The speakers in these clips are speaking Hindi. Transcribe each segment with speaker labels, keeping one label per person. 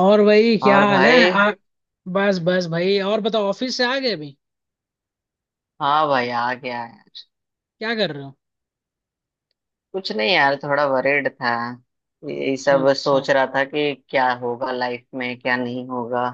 Speaker 1: और भाई, क्या
Speaker 2: और
Speaker 1: हाल है
Speaker 2: भाई,
Speaker 1: बस बस भाई। और बताओ, ऑफिस से आ गए अभी?
Speaker 2: हाँ भाई आ गया है।
Speaker 1: क्या कर रहे हो?
Speaker 2: कुछ नहीं यार, थोड़ा वरीड था। ये
Speaker 1: अच्छा
Speaker 2: सब
Speaker 1: अच्छा।
Speaker 2: सोच रहा था कि क्या होगा लाइफ में, क्या नहीं होगा।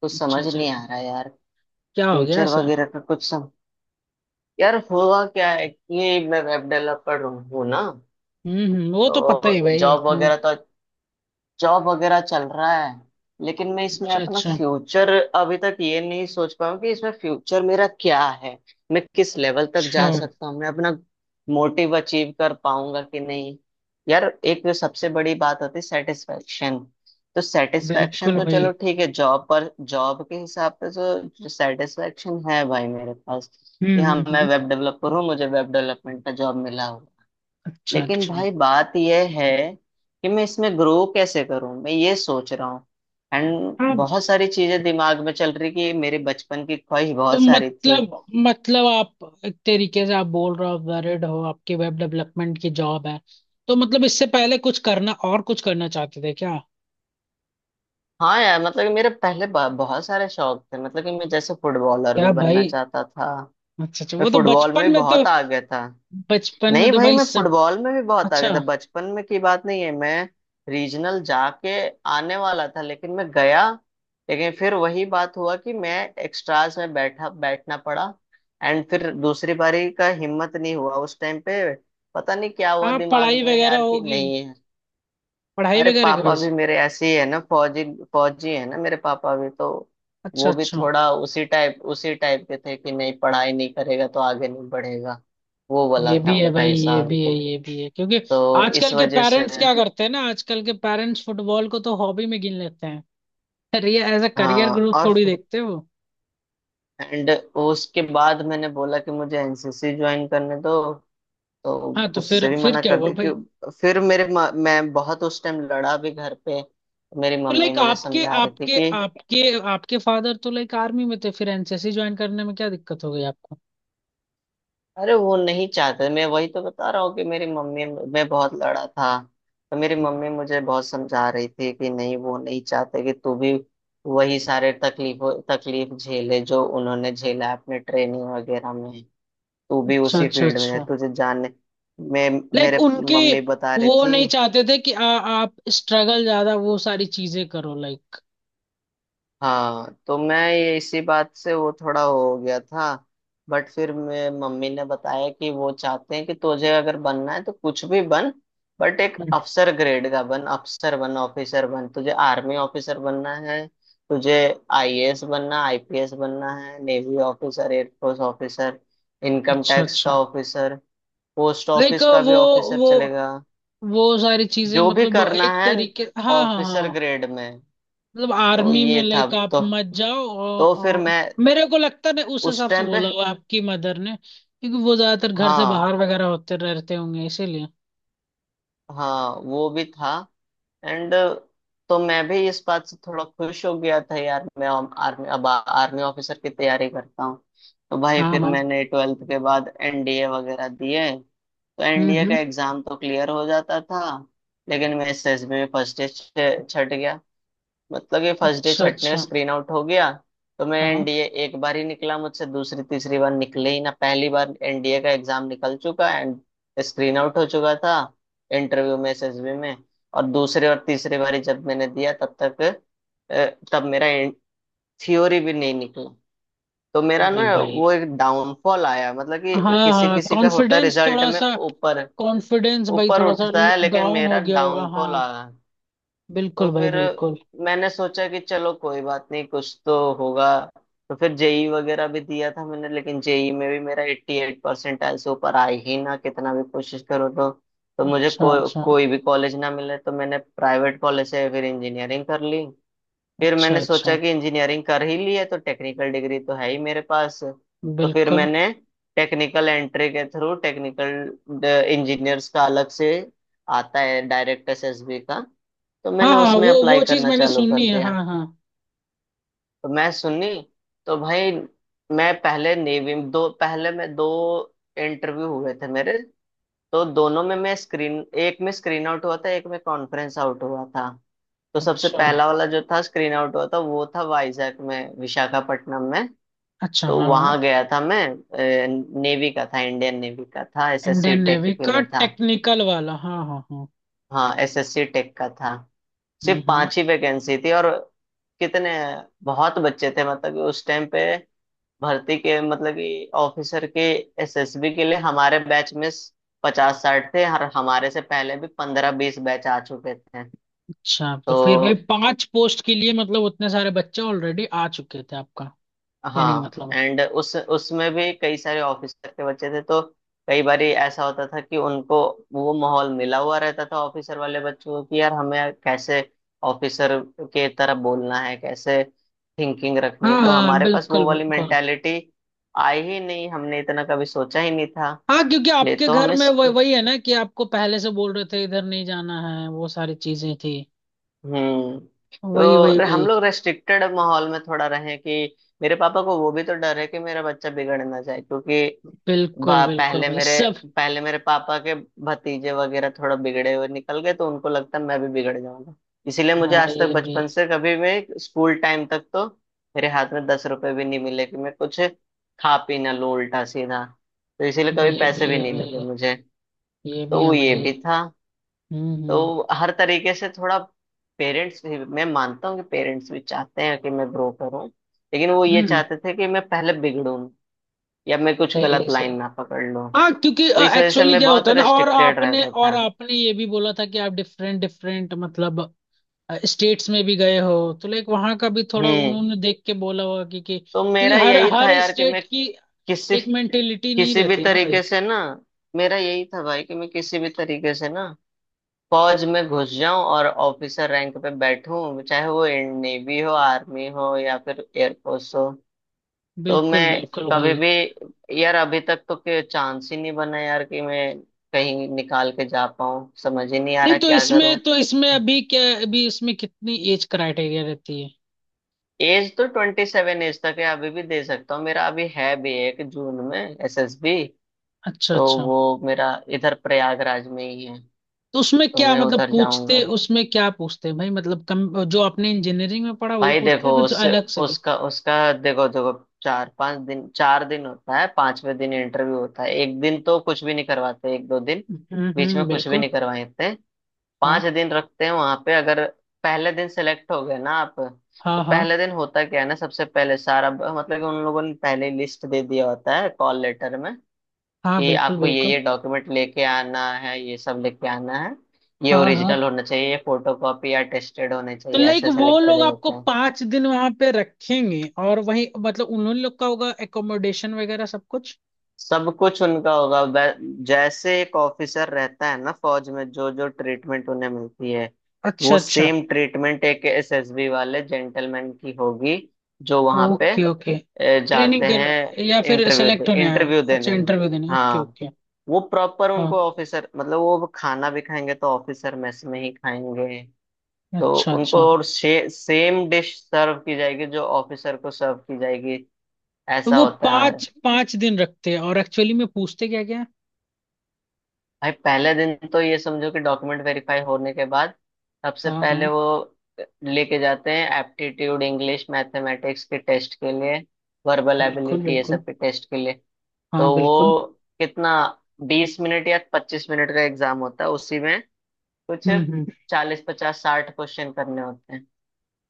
Speaker 2: कुछ
Speaker 1: अच्छा
Speaker 2: समझ
Speaker 1: अच्छा।
Speaker 2: नहीं आ रहा यार।
Speaker 1: क्या हो गया
Speaker 2: फ्यूचर
Speaker 1: ऐसा?
Speaker 2: वगैरह का कुछ सम यार हुआ क्या है कि मैं वेब डेवलपर हूँ ना,
Speaker 1: वो तो पता
Speaker 2: तो
Speaker 1: ही भाई,
Speaker 2: जॉब वगैरह
Speaker 1: हाँ।
Speaker 2: तो जॉब वगैरह चल रहा है। लेकिन मैं इसमें
Speaker 1: अच्छा
Speaker 2: अपना
Speaker 1: अच्छा।
Speaker 2: फ्यूचर अभी तक ये नहीं सोच पाया हूँ कि इसमें फ्यूचर मेरा क्या है, मैं किस लेवल तक
Speaker 1: अच्छा
Speaker 2: जा सकता हूँ, मैं अपना मोटिव अचीव कर पाऊंगा कि नहीं। यार, एक जो सबसे बड़ी बात होती है सेटिस्फेक्शन, तो सेटिस्फेक्शन
Speaker 1: बिल्कुल
Speaker 2: तो
Speaker 1: भाई।
Speaker 2: चलो ठीक है, जॉब पर जॉब के हिसाब से तो सेटिस्फेक्शन है भाई मेरे पास कि हाँ, मैं
Speaker 1: हम्म।
Speaker 2: वेब डेवलपर हूँ, मुझे वेब डेवलपमेंट का जॉब मिला हुआ है।
Speaker 1: अच्छा
Speaker 2: लेकिन
Speaker 1: अच्छा।
Speaker 2: भाई, बात यह है कि मैं इसमें ग्रो कैसे करूं, मैं ये सोच रहा हूँ। एंड
Speaker 1: हाँ,
Speaker 2: बहुत सारी चीजें दिमाग में चल रही कि मेरे बचपन की ख्वाहिश
Speaker 1: तो
Speaker 2: बहुत सारी थी।
Speaker 1: मतलब आप एक तरीके से आप बोल रहे हो, आप वैरिड हो, आपकी वेब डेवलपमेंट की जॉब है। तो मतलब इससे पहले कुछ करना, और कुछ करना चाहते थे क्या?
Speaker 2: हाँ यार, मतलब कि मेरे पहले बहुत सारे शौक थे, मतलब कि मैं जैसे फुटबॉलर भी
Speaker 1: क्या
Speaker 2: बनना
Speaker 1: भाई!
Speaker 2: चाहता था।
Speaker 1: अच्छा अच्छा,
Speaker 2: मैं
Speaker 1: वो तो
Speaker 2: फुटबॉल
Speaker 1: बचपन
Speaker 2: में भी
Speaker 1: में तो।
Speaker 2: बहुत आगे था।
Speaker 1: बचपन में
Speaker 2: नहीं
Speaker 1: तो
Speaker 2: भाई,
Speaker 1: भाई
Speaker 2: मैं
Speaker 1: सब।
Speaker 2: फुटबॉल में भी बहुत आगे था,
Speaker 1: अच्छा।
Speaker 2: बचपन में की बात नहीं है। मैं रीजनल जाके आने वाला था, लेकिन मैं गया, लेकिन फिर वही बात हुआ कि मैं एक्स्ट्राज में बैठा बैठना पड़ा। एंड फिर दूसरी बारी का हिम्मत नहीं हुआ उस टाइम पे, पता नहीं क्या हुआ
Speaker 1: हाँ, पढ़ाई
Speaker 2: दिमाग में
Speaker 1: वगैरह
Speaker 2: यार कि
Speaker 1: होगी।
Speaker 2: नहीं है।
Speaker 1: पढ़ाई
Speaker 2: अरे
Speaker 1: वगैरह का
Speaker 2: पापा
Speaker 1: बेस।
Speaker 2: भी मेरे ऐसे ही है ना, फौजी। फौजी है ना मेरे पापा, भी तो
Speaker 1: अच्छा
Speaker 2: वो भी
Speaker 1: अच्छा।
Speaker 2: थोड़ा उसी टाइप के थे कि नहीं पढ़ाई नहीं करेगा तो आगे नहीं बढ़ेगा। वो वाला
Speaker 1: ये
Speaker 2: था
Speaker 1: भी है
Speaker 2: उनका
Speaker 1: भाई, ये भी
Speaker 2: हिसाब,
Speaker 1: है, ये भी है। क्योंकि
Speaker 2: तो इस
Speaker 1: आजकल के
Speaker 2: वजह से
Speaker 1: पेरेंट्स क्या करते हैं ना, आजकल के पेरेंट्स फुटबॉल को तो हॉबी में गिन लेते हैं। अरे, ये एज अ करियर
Speaker 2: हाँ।
Speaker 1: ग्रुप
Speaker 2: और
Speaker 1: थोड़ी देखते हो।
Speaker 2: एंड उसके बाद मैंने बोला कि मुझे एनसीसी ज्वाइन करने दो, तो
Speaker 1: हाँ, तो
Speaker 2: उससे
Speaker 1: फिर
Speaker 2: भी
Speaker 1: फिर
Speaker 2: मना
Speaker 1: क्या
Speaker 2: कर
Speaker 1: हुआ
Speaker 2: दी।
Speaker 1: भाई?
Speaker 2: कि फिर मैं बहुत उस टाइम लड़ा भी घर पे। मेरी
Speaker 1: तो
Speaker 2: मम्मी
Speaker 1: लाइक
Speaker 2: मुझे
Speaker 1: आपके
Speaker 2: समझा रही थी
Speaker 1: आपके
Speaker 2: कि
Speaker 1: आपके आपके फादर तो लाइक आर्मी में थे, फिर एनसीसी ज्वाइन करने में क्या दिक्कत हो गई आपको?
Speaker 2: अरे वो नहीं चाहते। मैं वही तो बता रहा हूँ कि मेरी मम्मी, मैं बहुत लड़ा था तो मेरी मम्मी मुझे बहुत समझा रही थी कि नहीं, वो नहीं चाहते कि तू भी वही सारे तकलीफ झेले जो उन्होंने झेला अपने ट्रेनिंग वगैरह में। तू भी
Speaker 1: अच्छा
Speaker 2: उसी
Speaker 1: अच्छा
Speaker 2: फील्ड में है,
Speaker 1: अच्छा।
Speaker 2: तुझे जानने। मैं
Speaker 1: लाइक
Speaker 2: मेरे
Speaker 1: उनके।
Speaker 2: मम्मी बता रही
Speaker 1: वो
Speaker 2: थी।
Speaker 1: नहीं चाहते थे कि आप स्ट्रगल ज्यादा वो सारी चीजें करो, लाइक।
Speaker 2: हाँ, तो मैं ये इसी बात से वो थोड़ा हो गया था। बट फिर मैं, मम्मी ने बताया कि वो चाहते हैं कि तुझे अगर बनना है तो कुछ भी बन, बट एक
Speaker 1: हम्म,
Speaker 2: अफसर ग्रेड का बन, अफसर बन ऑफिसर बन, तुझे आर्मी ऑफिसर बनना है, तुझे आईएएस बनना, आईपीएस बनना है, navy officer, air force officer, income
Speaker 1: अच्छा
Speaker 2: टैक्स
Speaker 1: अच्छा।
Speaker 2: का ऑफिसर, पोस्ट
Speaker 1: लाइक
Speaker 2: ऑफिस का भी ऑफिसर
Speaker 1: वो
Speaker 2: चलेगा,
Speaker 1: वो सारी चीजें
Speaker 2: जो भी
Speaker 1: मतलब
Speaker 2: करना
Speaker 1: एक
Speaker 2: है
Speaker 1: तरीके, हाँ हाँ
Speaker 2: ऑफिसर
Speaker 1: हाँ।
Speaker 2: ग्रेड में।
Speaker 1: मतलब
Speaker 2: तो
Speaker 1: आर्मी में
Speaker 2: ये था।
Speaker 1: लाइक आप मत जाओ, और,
Speaker 2: तो फिर
Speaker 1: और
Speaker 2: मैं
Speaker 1: मेरे को लगता नहीं, उस
Speaker 2: उस
Speaker 1: हिसाब से
Speaker 2: टाइम पे,
Speaker 1: बोला हुआ आपकी मदर ने, क्योंकि वो ज्यादातर घर से
Speaker 2: हाँ
Speaker 1: बाहर वगैरह होते रहते होंगे इसीलिए।
Speaker 2: हाँ, वो भी था। एंड तो मैं भी इस बात से थोड़ा खुश हो गया था यार। मैं आर्मी, अब आर्मी ऑफिसर की तैयारी करता हूँ। तो भाई,
Speaker 1: हाँ
Speaker 2: फिर
Speaker 1: हाँ।
Speaker 2: मैंने ट्वेल्थ के बाद एनडीए वगैरह दिए। तो एनडीए का
Speaker 1: हम्म।
Speaker 2: एग्जाम तो क्लियर हो जाता था, लेकिन मैं एसएसबी में फर्स्ट छट गया। मतलब ये फर्स्ट डे
Speaker 1: अच्छा
Speaker 2: छटने में
Speaker 1: अच्छा।
Speaker 2: स्क्रीन आउट हो गया। तो मैं
Speaker 1: हाँ।
Speaker 2: एनडीए एक बार ही निकला, मुझसे दूसरी तीसरी बार निकले ही ना, पहली बार एनडीए का एग्जाम निकल चुका एंड स्क्रीन आउट हो चुका था इंटरव्यू में, एसएसबी में। और दूसरे और तीसरे बार ही जब मैंने दिया तब तक अ, तब मेरा थ्योरी भी नहीं निकला। तो मेरा
Speaker 1: अरे
Speaker 2: ना
Speaker 1: भाई।
Speaker 2: वो एक डाउनफॉल आया, मतलब कि
Speaker 1: हाँ
Speaker 2: किसी
Speaker 1: हाँ,
Speaker 2: किसी का होता है
Speaker 1: कॉन्फिडेंस
Speaker 2: रिजल्ट
Speaker 1: थोड़ा
Speaker 2: में
Speaker 1: सा।
Speaker 2: ऊपर
Speaker 1: कॉन्फिडेंस भाई
Speaker 2: ऊपर
Speaker 1: थोड़ा सा
Speaker 2: उठता है, लेकिन
Speaker 1: डाउन
Speaker 2: मेरा
Speaker 1: हो गया होगा,
Speaker 2: डाउनफॉल
Speaker 1: हाँ।
Speaker 2: आया। तो
Speaker 1: बिल्कुल भाई,
Speaker 2: फिर
Speaker 1: बिल्कुल।
Speaker 2: मैंने सोचा कि चलो कोई बात नहीं, कुछ तो होगा। तो फिर जेई वगैरह भी दिया था मैंने, लेकिन जेई में भी मेरा 88 परसेंटाइल से ऊपर आए ही ना, कितना भी कोशिश करो। तो मुझे
Speaker 1: अच्छा अच्छा।
Speaker 2: कोई भी कॉलेज ना मिले, तो मैंने प्राइवेट कॉलेज से फिर इंजीनियरिंग कर ली। फिर
Speaker 1: अच्छा
Speaker 2: मैंने सोचा
Speaker 1: अच्छा।
Speaker 2: कि इंजीनियरिंग कर ही ली है तो टेक्निकल डिग्री तो है ही मेरे पास, तो फिर
Speaker 1: बिल्कुल।
Speaker 2: मैंने टेक्निकल एंट्री के थ्रू, टेक्निकल इंजीनियर्स का अलग से आता है डायरेक्ट एसएसबी का, तो
Speaker 1: हाँ
Speaker 2: मैंने
Speaker 1: हाँ,
Speaker 2: उसमें
Speaker 1: वो
Speaker 2: अप्लाई
Speaker 1: वो चीज
Speaker 2: करना
Speaker 1: मैंने
Speaker 2: चालू कर
Speaker 1: सुनी है,
Speaker 2: दिया।
Speaker 1: हाँ हाँ।
Speaker 2: तो मैं सुनी। तो भाई, मैं पहले नेवी दो पहले मैं दो इंटरव्यू हुए थे मेरे, तो दोनों में मैं स्क्रीन एक में स्क्रीन आउट हुआ था, एक में कॉन्फ्रेंस आउट हुआ था। तो सबसे
Speaker 1: अच्छा
Speaker 2: पहला वाला जो था, स्क्रीन आउट हुआ था, वो था वाइजैक में, विशाखापट्टनम में।
Speaker 1: अच्छा।
Speaker 2: तो
Speaker 1: हाँ
Speaker 2: वहां
Speaker 1: हाँ,
Speaker 2: गया था मैं, नेवी का था, इंडियन नेवी का था, एसएससी
Speaker 1: इंडियन
Speaker 2: टेक
Speaker 1: नेवी
Speaker 2: के
Speaker 1: का
Speaker 2: लिए था।
Speaker 1: टेक्निकल वाला, हाँ हाँ हाँ।
Speaker 2: हाँ, एसएससी टेक का था। सिर्फ
Speaker 1: हम्म।
Speaker 2: पांच ही वैकेंसी थी और कितने, बहुत बच्चे थे, मतलब कि उस टाइम पे भर्ती के, मतलब कि ऑफिसर के एसएसबी के लिए हमारे बैच में 50 60 थे, और हमारे से पहले भी 15 20 बैच आ चुके थे।
Speaker 1: अच्छा, तो फिर भाई
Speaker 2: तो
Speaker 1: पांच पोस्ट के लिए मतलब उतने सारे बच्चे ऑलरेडी आ चुके थे आपका। कहने का
Speaker 2: हाँ,
Speaker 1: मतलब है।
Speaker 2: एंड उस उसमें भी कई सारे ऑफिसर के बच्चे थे, तो कई बार ऐसा होता था कि उनको वो माहौल मिला हुआ रहता था, ऑफिसर वाले बच्चों को कि यार हमें कैसे ऑफिसर के तरह बोलना है, कैसे थिंकिंग रखनी
Speaker 1: हाँ
Speaker 2: है। तो
Speaker 1: हाँ,
Speaker 2: हमारे पास
Speaker 1: बिल्कुल
Speaker 2: वो वाली
Speaker 1: बिल्कुल।
Speaker 2: मेंटेलिटी आई ही नहीं, हमने इतना कभी सोचा ही नहीं था।
Speaker 1: हाँ, क्योंकि
Speaker 2: ले
Speaker 1: आपके
Speaker 2: तो हम
Speaker 1: घर में
Speaker 2: इस
Speaker 1: वही वही है ना, कि आपको पहले से बोल रहे थे इधर नहीं जाना है, वो सारी चीजें थी।
Speaker 2: हम्म।
Speaker 1: वही वही
Speaker 2: तो हम
Speaker 1: वही।
Speaker 2: लोग रेस्ट्रिक्टेड माहौल में थोड़ा रहे कि मेरे पापा को वो भी तो डर है कि मेरा बच्चा बिगड़ ना जाए, क्योंकि
Speaker 1: बिल्कुल
Speaker 2: बा,
Speaker 1: बिल्कुल भाई सब।
Speaker 2: पहले मेरे पापा के भतीजे वगैरह थोड़ा बिगड़े हुए निकल गए, तो उनको लगता मैं भी बिगड़ जाऊंगा। इसीलिए मुझे
Speaker 1: हाँ,
Speaker 2: आज तक,
Speaker 1: ये भी।
Speaker 2: बचपन से कभी भी, स्कूल टाइम तक तो मेरे हाथ में 10 रुपए भी नहीं मिले कि मैं कुछ खा पी ना लूं उल्टा सीधा। तो इसीलिए कभी
Speaker 1: ये
Speaker 2: पैसे
Speaker 1: भी
Speaker 2: भी
Speaker 1: है
Speaker 2: नहीं मिले
Speaker 1: भाई,
Speaker 2: मुझे,
Speaker 1: ये भी
Speaker 2: तो वो
Speaker 1: है
Speaker 2: ये
Speaker 1: भाई।
Speaker 2: भी था।
Speaker 1: हम्म
Speaker 2: तो हर तरीके से थोड़ा, पेरेंट्स भी, मैं मानता हूँ कि पेरेंट्स भी चाहते हैं कि मैं ग्रो करूँ, लेकिन वो ये
Speaker 1: हम्म हम्म,
Speaker 2: चाहते थे कि मैं पहले बिगड़ूं या मैं कुछ
Speaker 1: सही
Speaker 2: गलत
Speaker 1: है सही
Speaker 2: लाइन
Speaker 1: है।
Speaker 2: ना पकड़ लूं।
Speaker 1: हाँ,
Speaker 2: तो
Speaker 1: क्योंकि
Speaker 2: इस वजह से
Speaker 1: एक्चुअली
Speaker 2: मैं
Speaker 1: क्या होता
Speaker 2: बहुत
Speaker 1: है ना, और
Speaker 2: रेस्ट्रिक्टेड
Speaker 1: आपने
Speaker 2: रहता
Speaker 1: और
Speaker 2: था।
Speaker 1: आपने ये भी बोला था कि आप डिफरेंट डिफरेंट मतलब स्टेट्स में भी गए हो। तो लाइक वहां का भी थोड़ा
Speaker 2: हम्म।
Speaker 1: उन्होंने देख के बोला होगा कि
Speaker 2: तो
Speaker 1: क्योंकि
Speaker 2: मेरा
Speaker 1: हर
Speaker 2: यही था
Speaker 1: हर
Speaker 2: यार कि मैं
Speaker 1: स्टेट की
Speaker 2: किसी
Speaker 1: एक मेंटेलिटी नहीं
Speaker 2: किसी भी
Speaker 1: रहती ना भाई।
Speaker 2: तरीके से ना, मेरा यही था भाई कि मैं किसी भी तरीके से ना फौज में घुस जाऊं और ऑफिसर रैंक पे बैठूं, चाहे वो नेवी हो, आर्मी हो, या फिर एयरफोर्स हो। तो मैं
Speaker 1: बिल्कुल बिल्कुल
Speaker 2: कभी
Speaker 1: भाई।
Speaker 2: भी यार अभी तक तो के चांस ही नहीं बना यार कि मैं कहीं निकाल के जा पाऊं, समझ ही नहीं आ रहा
Speaker 1: नहीं तो
Speaker 2: क्या करूं।
Speaker 1: इसमें, तो इसमें अभी क्या, अभी इसमें कितनी एज क्राइटेरिया रहती है?
Speaker 2: एज तो 27 एज तक है, अभी भी दे सकता हूँ। मेरा अभी है भी 1 जून में एसएसबी,
Speaker 1: अच्छा
Speaker 2: तो
Speaker 1: अच्छा।
Speaker 2: वो मेरा इधर प्रयागराज में ही है,
Speaker 1: तो उसमें
Speaker 2: तो
Speaker 1: क्या
Speaker 2: मैं
Speaker 1: मतलब
Speaker 2: उधर
Speaker 1: पूछते,
Speaker 2: जाऊंगा।
Speaker 1: उसमें क्या पूछते हैं भाई, मतलब कम जो आपने इंजीनियरिंग में पढ़ा वही
Speaker 2: भाई
Speaker 1: पूछते
Speaker 2: देखो,
Speaker 1: हैं, कुछ
Speaker 2: उस
Speaker 1: अलग से भी?
Speaker 2: उसका उसका देखो, 4 5 दिन, 4 दिन होता है, 5वें दिन इंटरव्यू होता है। एक दिन तो कुछ भी नहीं करवाते, एक दो दिन बीच में
Speaker 1: हम्म,
Speaker 2: कुछ भी
Speaker 1: बिल्कुल।
Speaker 2: नहीं करवाते।
Speaker 1: हाँ।
Speaker 2: 5 दिन रखते हैं वहां पे। अगर पहले दिन सेलेक्ट हो गए ना आप, तो
Speaker 1: हाँ हाँ।
Speaker 2: पहले दिन होता क्या है ना, सबसे पहले मतलब कि उन लोगों ने पहले लिस्ट दे दिया होता है कॉल लेटर में
Speaker 1: हाँ
Speaker 2: कि
Speaker 1: बिल्कुल
Speaker 2: आपको
Speaker 1: बिल्कुल।
Speaker 2: ये डॉक्यूमेंट लेके आना है, ये सब लेके आना है, ये
Speaker 1: हाँ हाँ,
Speaker 2: ओरिजिनल होना चाहिए, ये फोटो कॉपी या टेस्टेड होने
Speaker 1: तो
Speaker 2: चाहिए,
Speaker 1: लाइक
Speaker 2: ऐसे ऐसे
Speaker 1: वो
Speaker 2: लिख के
Speaker 1: लोग
Speaker 2: दे
Speaker 1: आपको
Speaker 2: देते हैं।
Speaker 1: पांच दिन वहां पे रखेंगे, और वही मतलब उन्होंने लोग का होगा एकोमोडेशन वगैरह सब कुछ?
Speaker 2: सब कुछ उनका होगा। जैसे एक ऑफिसर रहता है ना फौज में, जो जो ट्रीटमेंट उन्हें मिलती है,
Speaker 1: अच्छा
Speaker 2: वो
Speaker 1: अच्छा।
Speaker 2: सेम ट्रीटमेंट एक एसएसबी वाले जेंटलमैन की होगी जो वहां पे
Speaker 1: ओके ओके।
Speaker 2: जाते
Speaker 1: ट्रेनिंग कर या
Speaker 2: हैं
Speaker 1: फिर सेलेक्ट होने आए हैं?
Speaker 2: इंटरव्यू
Speaker 1: अच्छा
Speaker 2: देने के लिए।
Speaker 1: इंटरव्यू देने, ओके
Speaker 2: हाँ,
Speaker 1: ओके।
Speaker 2: वो प्रॉपर
Speaker 1: हाँ।
Speaker 2: उनको ऑफिसर, मतलब वो खाना भी खाएंगे तो ऑफिसर मेस में ही खाएंगे। तो
Speaker 1: अच्छा
Speaker 2: उनको
Speaker 1: अच्छा।
Speaker 2: और सेम डिश सर्व की जाएगी जो ऑफिसर को सर्व की जाएगी।
Speaker 1: तो
Speaker 2: ऐसा
Speaker 1: वो
Speaker 2: होता है।
Speaker 1: पाँच पाँच दिन रखते हैं और एक्चुअली में पूछते क्या?
Speaker 2: भाई, पहले दिन तो ये समझो कि डॉक्यूमेंट वेरीफाई होने के बाद सबसे
Speaker 1: हाँ
Speaker 2: पहले
Speaker 1: हाँ।
Speaker 2: वो लेके जाते हैं एप्टीट्यूड, इंग्लिश, मैथमेटिक्स के टेस्ट के लिए, वर्बल
Speaker 1: बिल्कुल
Speaker 2: एबिलिटी ये
Speaker 1: बिल्कुल।
Speaker 2: सब के टेस्ट के लिए।
Speaker 1: हाँ
Speaker 2: तो वो
Speaker 1: बिल्कुल।
Speaker 2: कितना, 20 मिनट या 25 मिनट का एग्जाम होता है, उसी में कुछ
Speaker 1: हम्म।
Speaker 2: 40 50 60 क्वेश्चन करने होते हैं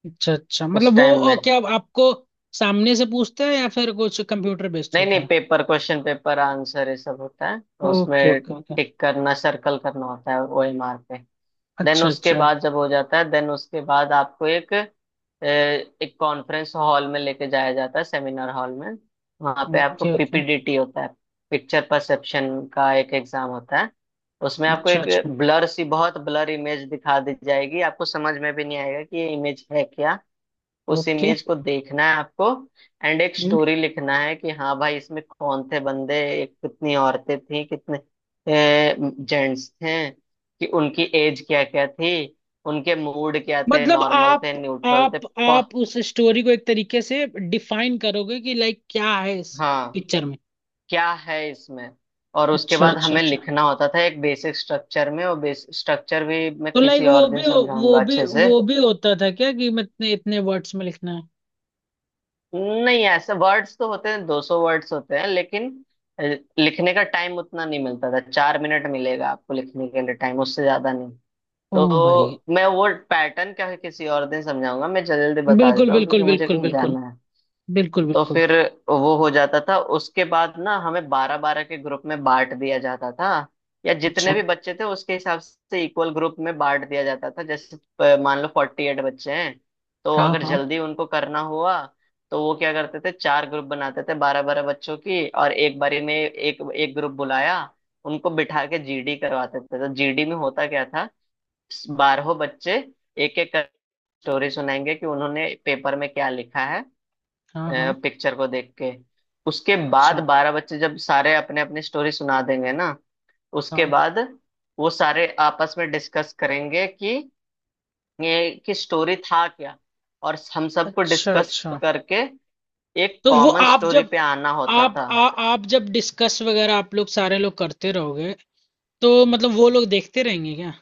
Speaker 1: अच्छा अच्छा,
Speaker 2: उस
Speaker 1: मतलब वो
Speaker 2: टाइम में।
Speaker 1: क्या आपको सामने से पूछता है या फिर कुछ कंप्यूटर बेस्ड
Speaker 2: नहीं
Speaker 1: होता
Speaker 2: नहीं,
Speaker 1: है?
Speaker 2: पेपर क्वेश्चन, पेपर आंसर, ये सब होता है
Speaker 1: ओके
Speaker 2: उसमें।
Speaker 1: Okay okay.
Speaker 2: टिक करना, सर्कल करना होता है ओ एम आर पे। देन
Speaker 1: अच्छा
Speaker 2: उसके
Speaker 1: अच्छा।
Speaker 2: बाद जब हो जाता है, देन उसके बाद आपको एक एक कॉन्फ्रेंस हॉल में लेके जाया जाता है, सेमिनार हॉल में। वहाँ पे आपको
Speaker 1: ओके ओके।
Speaker 2: पीपीडीटी होता है, पिक्चर परसेप्शन का एक एग्जाम होता है। उसमें आपको
Speaker 1: अच्छा अच्छा।
Speaker 2: एक ब्लर सी, बहुत ब्लर इमेज दिखा दी जाएगी, आपको समझ में भी नहीं आएगा कि ये इमेज है क्या। उस
Speaker 1: ओके।
Speaker 2: इमेज को देखना है आपको, एंड एक
Speaker 1: हम्म।
Speaker 2: स्टोरी लिखना है कि हाँ भाई, इसमें कौन थे बंदे, एक कितनी औरतें थी, कितने जेंट्स थे, कि उनकी एज क्या क्या थी, उनके मूड क्या थे,
Speaker 1: मतलब
Speaker 2: नॉर्मल थे,
Speaker 1: आप
Speaker 2: न्यूट्रल
Speaker 1: आप
Speaker 2: थे, प,
Speaker 1: आप उस स्टोरी को एक तरीके से डिफाइन करोगे कि लाइक क्या है इस
Speaker 2: हाँ,
Speaker 1: पिक्चर में?
Speaker 2: क्या है इसमें। और उसके
Speaker 1: अच्छा
Speaker 2: बाद
Speaker 1: अच्छा
Speaker 2: हमें
Speaker 1: अच्छा।
Speaker 2: लिखना होता था एक बेसिक स्ट्रक्चर में, और बेसिक स्ट्रक्चर भी मैं
Speaker 1: तो लाइक
Speaker 2: किसी और
Speaker 1: वो भी
Speaker 2: दिन
Speaker 1: वो
Speaker 2: समझाऊंगा
Speaker 1: भी
Speaker 2: अच्छे से।
Speaker 1: वो भी होता था क्या कि मैं इतने इतने वर्ड्स में लिखना है?
Speaker 2: नहीं, ऐसे वर्ड्स तो होते हैं, 200 वर्ड्स होते हैं, लेकिन अ, लिखने का टाइम उतना नहीं मिलता था। 4 मिनट मिलेगा आपको लिखने के लिए, टाइम उससे ज्यादा नहीं।
Speaker 1: ओ भाई!
Speaker 2: तो मैं वो पैटर्न क्या है किसी और दिन समझाऊंगा, मैं जल्दी बता
Speaker 1: बिल्कुल
Speaker 2: देता हूँ
Speaker 1: बिल्कुल
Speaker 2: क्योंकि मुझे
Speaker 1: बिल्कुल
Speaker 2: कहीं
Speaker 1: बिल्कुल।
Speaker 2: जाना है।
Speaker 1: बिल्कुल
Speaker 2: तो
Speaker 1: बिल्कुल।
Speaker 2: फिर वो हो जाता था, उसके बाद ना हमें 12 12 के ग्रुप में बांट दिया जाता था, या जितने
Speaker 1: अच्छा।
Speaker 2: भी बच्चे थे उसके हिसाब से इक्वल ग्रुप में बांट दिया जाता था। जैसे मान लो 48 बच्चे हैं, तो
Speaker 1: हाँ
Speaker 2: अगर
Speaker 1: हाँ।
Speaker 2: जल्दी उनको करना हुआ तो वो क्या करते थे, 4 ग्रुप बनाते थे 12 12 बच्चों की, और एक बारी में एक एक ग्रुप बुलाया, उनको बिठा के जीडी करवाते थे। तो जीडी में होता क्या था, बारहों बच्चे एक एक कर स्टोरी सुनाएंगे कि उन्होंने पेपर में क्या लिखा है
Speaker 1: हाँ हाँ।
Speaker 2: पिक्चर को देख के। उसके बाद
Speaker 1: अच्छा।
Speaker 2: 12 बच्चे जब सारे अपने अपनी स्टोरी सुना देंगे ना, उसके
Speaker 1: हाँ।
Speaker 2: बाद वो सारे आपस में डिस्कस करेंगे कि ये कि स्टोरी था क्या, और हम सबको
Speaker 1: अच्छा
Speaker 2: डिस्कस
Speaker 1: अच्छा।
Speaker 2: करके एक
Speaker 1: तो वो
Speaker 2: कॉमन स्टोरी पे आना होता था।
Speaker 1: आप जब डिस्कस वगैरह आप लोग सारे लोग करते रहोगे तो मतलब वो लोग देखते रहेंगे क्या?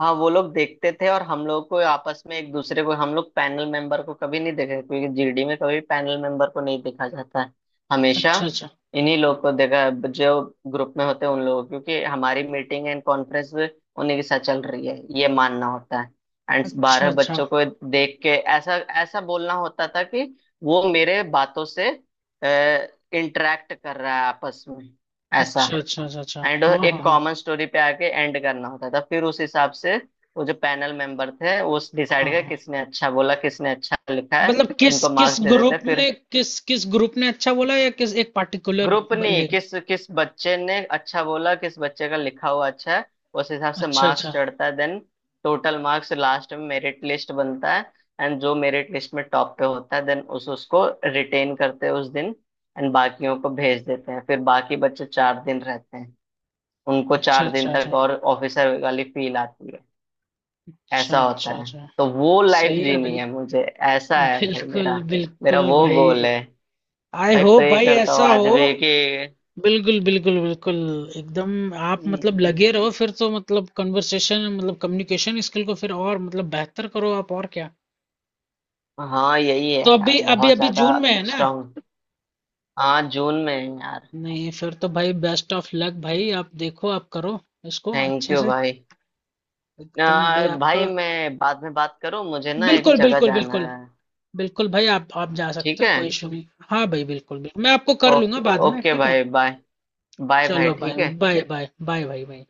Speaker 2: हाँ, वो लोग देखते थे, और हम लोग को आपस में एक दूसरे को, हम लोग पैनल मेंबर को कभी नहीं देखे, क्योंकि जीडी में कभी पैनल मेंबर को नहीं देखा जाता है, हमेशा
Speaker 1: अच्छा अच्छा
Speaker 2: इन्हीं लोग को देखा है, जो ग्रुप में होते हैं उन लोगों को, क्योंकि हमारी मीटिंग एंड कॉन्फ्रेंस उन्हीं के साथ चल रही है, ये मानना होता है। एंड
Speaker 1: अच्छा
Speaker 2: बारह
Speaker 1: अच्छा।
Speaker 2: बच्चों को देख के ऐसा ऐसा बोलना होता था कि वो मेरे बातों से इंटरेक्ट कर रहा है आपस में, ऐसा।
Speaker 1: अच्छा अच्छा अच्छा अच्छा।
Speaker 2: एंड
Speaker 1: हाँ हाँ
Speaker 2: एक
Speaker 1: हाँ
Speaker 2: कॉमन स्टोरी पे आके एंड करना होता था। फिर उस हिसाब से वो जो पैनल मेंबर थे, वो डिसाइड
Speaker 1: हाँ
Speaker 2: किया
Speaker 1: हाँ।
Speaker 2: किसने अच्छा बोला, किसने अच्छा लिखा है।
Speaker 1: मतलब किस
Speaker 2: उनको
Speaker 1: किस
Speaker 2: मार्क्स दे देते।
Speaker 1: ग्रुप ने
Speaker 2: फिर
Speaker 1: किस किस ग्रुप ने अच्छा बोला, या किस एक पार्टिकुलर
Speaker 2: ग्रुप नहीं,
Speaker 1: बंदे का?
Speaker 2: किस किस बच्चे ने अच्छा बोला, किस बच्चे का लिखा हुआ अच्छा है, उस हिसाब से
Speaker 1: अच्छा
Speaker 2: मार्क्स
Speaker 1: अच्छा
Speaker 2: चढ़ता है। देन टोटल मार्क्स लास्ट में मेरिट लिस्ट बनता है। एंड जो मेरिट लिस्ट में टॉप पे होता है, देन उस उसको रिटेन करते हैं उस दिन, एंड बाकियों को भेज देते हैं। फिर बाकी बच्चे 4 दिन रहते हैं, उनको
Speaker 1: अच्छा
Speaker 2: 4 दिन
Speaker 1: अच्छा।
Speaker 2: तक
Speaker 1: अच्छा
Speaker 2: और ऑफिसर वाली फील आती है।
Speaker 1: अच्छा
Speaker 2: ऐसा होता
Speaker 1: अच्छा
Speaker 2: है।
Speaker 1: अच्छा।
Speaker 2: तो वो लाइफ
Speaker 1: सही है
Speaker 2: जीनी
Speaker 1: भाई।
Speaker 2: है मुझे, ऐसा है भाई
Speaker 1: बिल्कुल
Speaker 2: मेरा, मेरा
Speaker 1: बिल्कुल
Speaker 2: वो
Speaker 1: भाई।
Speaker 2: गोल है।
Speaker 1: आई
Speaker 2: भाई
Speaker 1: होप
Speaker 2: प्रे
Speaker 1: भाई
Speaker 2: करता हूँ
Speaker 1: ऐसा
Speaker 2: आज
Speaker 1: हो।
Speaker 2: भी कि,
Speaker 1: बिल्कुल बिल्कुल बिल्कुल। एकदम। आप मतलब
Speaker 2: हम्म,
Speaker 1: लगे रहो, फिर तो मतलब कन्वर्सेशन, मतलब कम्युनिकेशन स्किल को फिर और मतलब बेहतर करो आप, और क्या।
Speaker 2: हाँ, यही है
Speaker 1: तो
Speaker 2: यार
Speaker 1: अभी अभी
Speaker 2: बहुत
Speaker 1: अभी
Speaker 2: ज्यादा
Speaker 1: जून में है ना?
Speaker 2: स्ट्रांग। हाँ, जून में है यार।
Speaker 1: नहीं फिर तो भाई बेस्ट ऑफ लक भाई, आप देखो, आप करो इसको
Speaker 2: थैंक
Speaker 1: अच्छे
Speaker 2: यू
Speaker 1: से।
Speaker 2: भाई।
Speaker 1: एकदम भाई, आपका।
Speaker 2: भाई मैं बाद में बात करूँ, मुझे ना एक
Speaker 1: बिल्कुल
Speaker 2: जगह
Speaker 1: बिल्कुल
Speaker 2: जाना
Speaker 1: बिल्कुल।
Speaker 2: है।
Speaker 1: बिल्कुल भाई, आप जा
Speaker 2: ठीक
Speaker 1: सकते हो,
Speaker 2: है।
Speaker 1: कोई इशू नहीं। हाँ भाई, बिल्कुल बिल्कुल, मैं आपको कर
Speaker 2: ओके,
Speaker 1: लूंगा बाद में,
Speaker 2: ओके
Speaker 1: ठीक है।
Speaker 2: भाई, बाय। बाय भाई,
Speaker 1: चलो
Speaker 2: ठीक
Speaker 1: भाई।
Speaker 2: है।
Speaker 1: बाय बाय बाय भाई, बाय।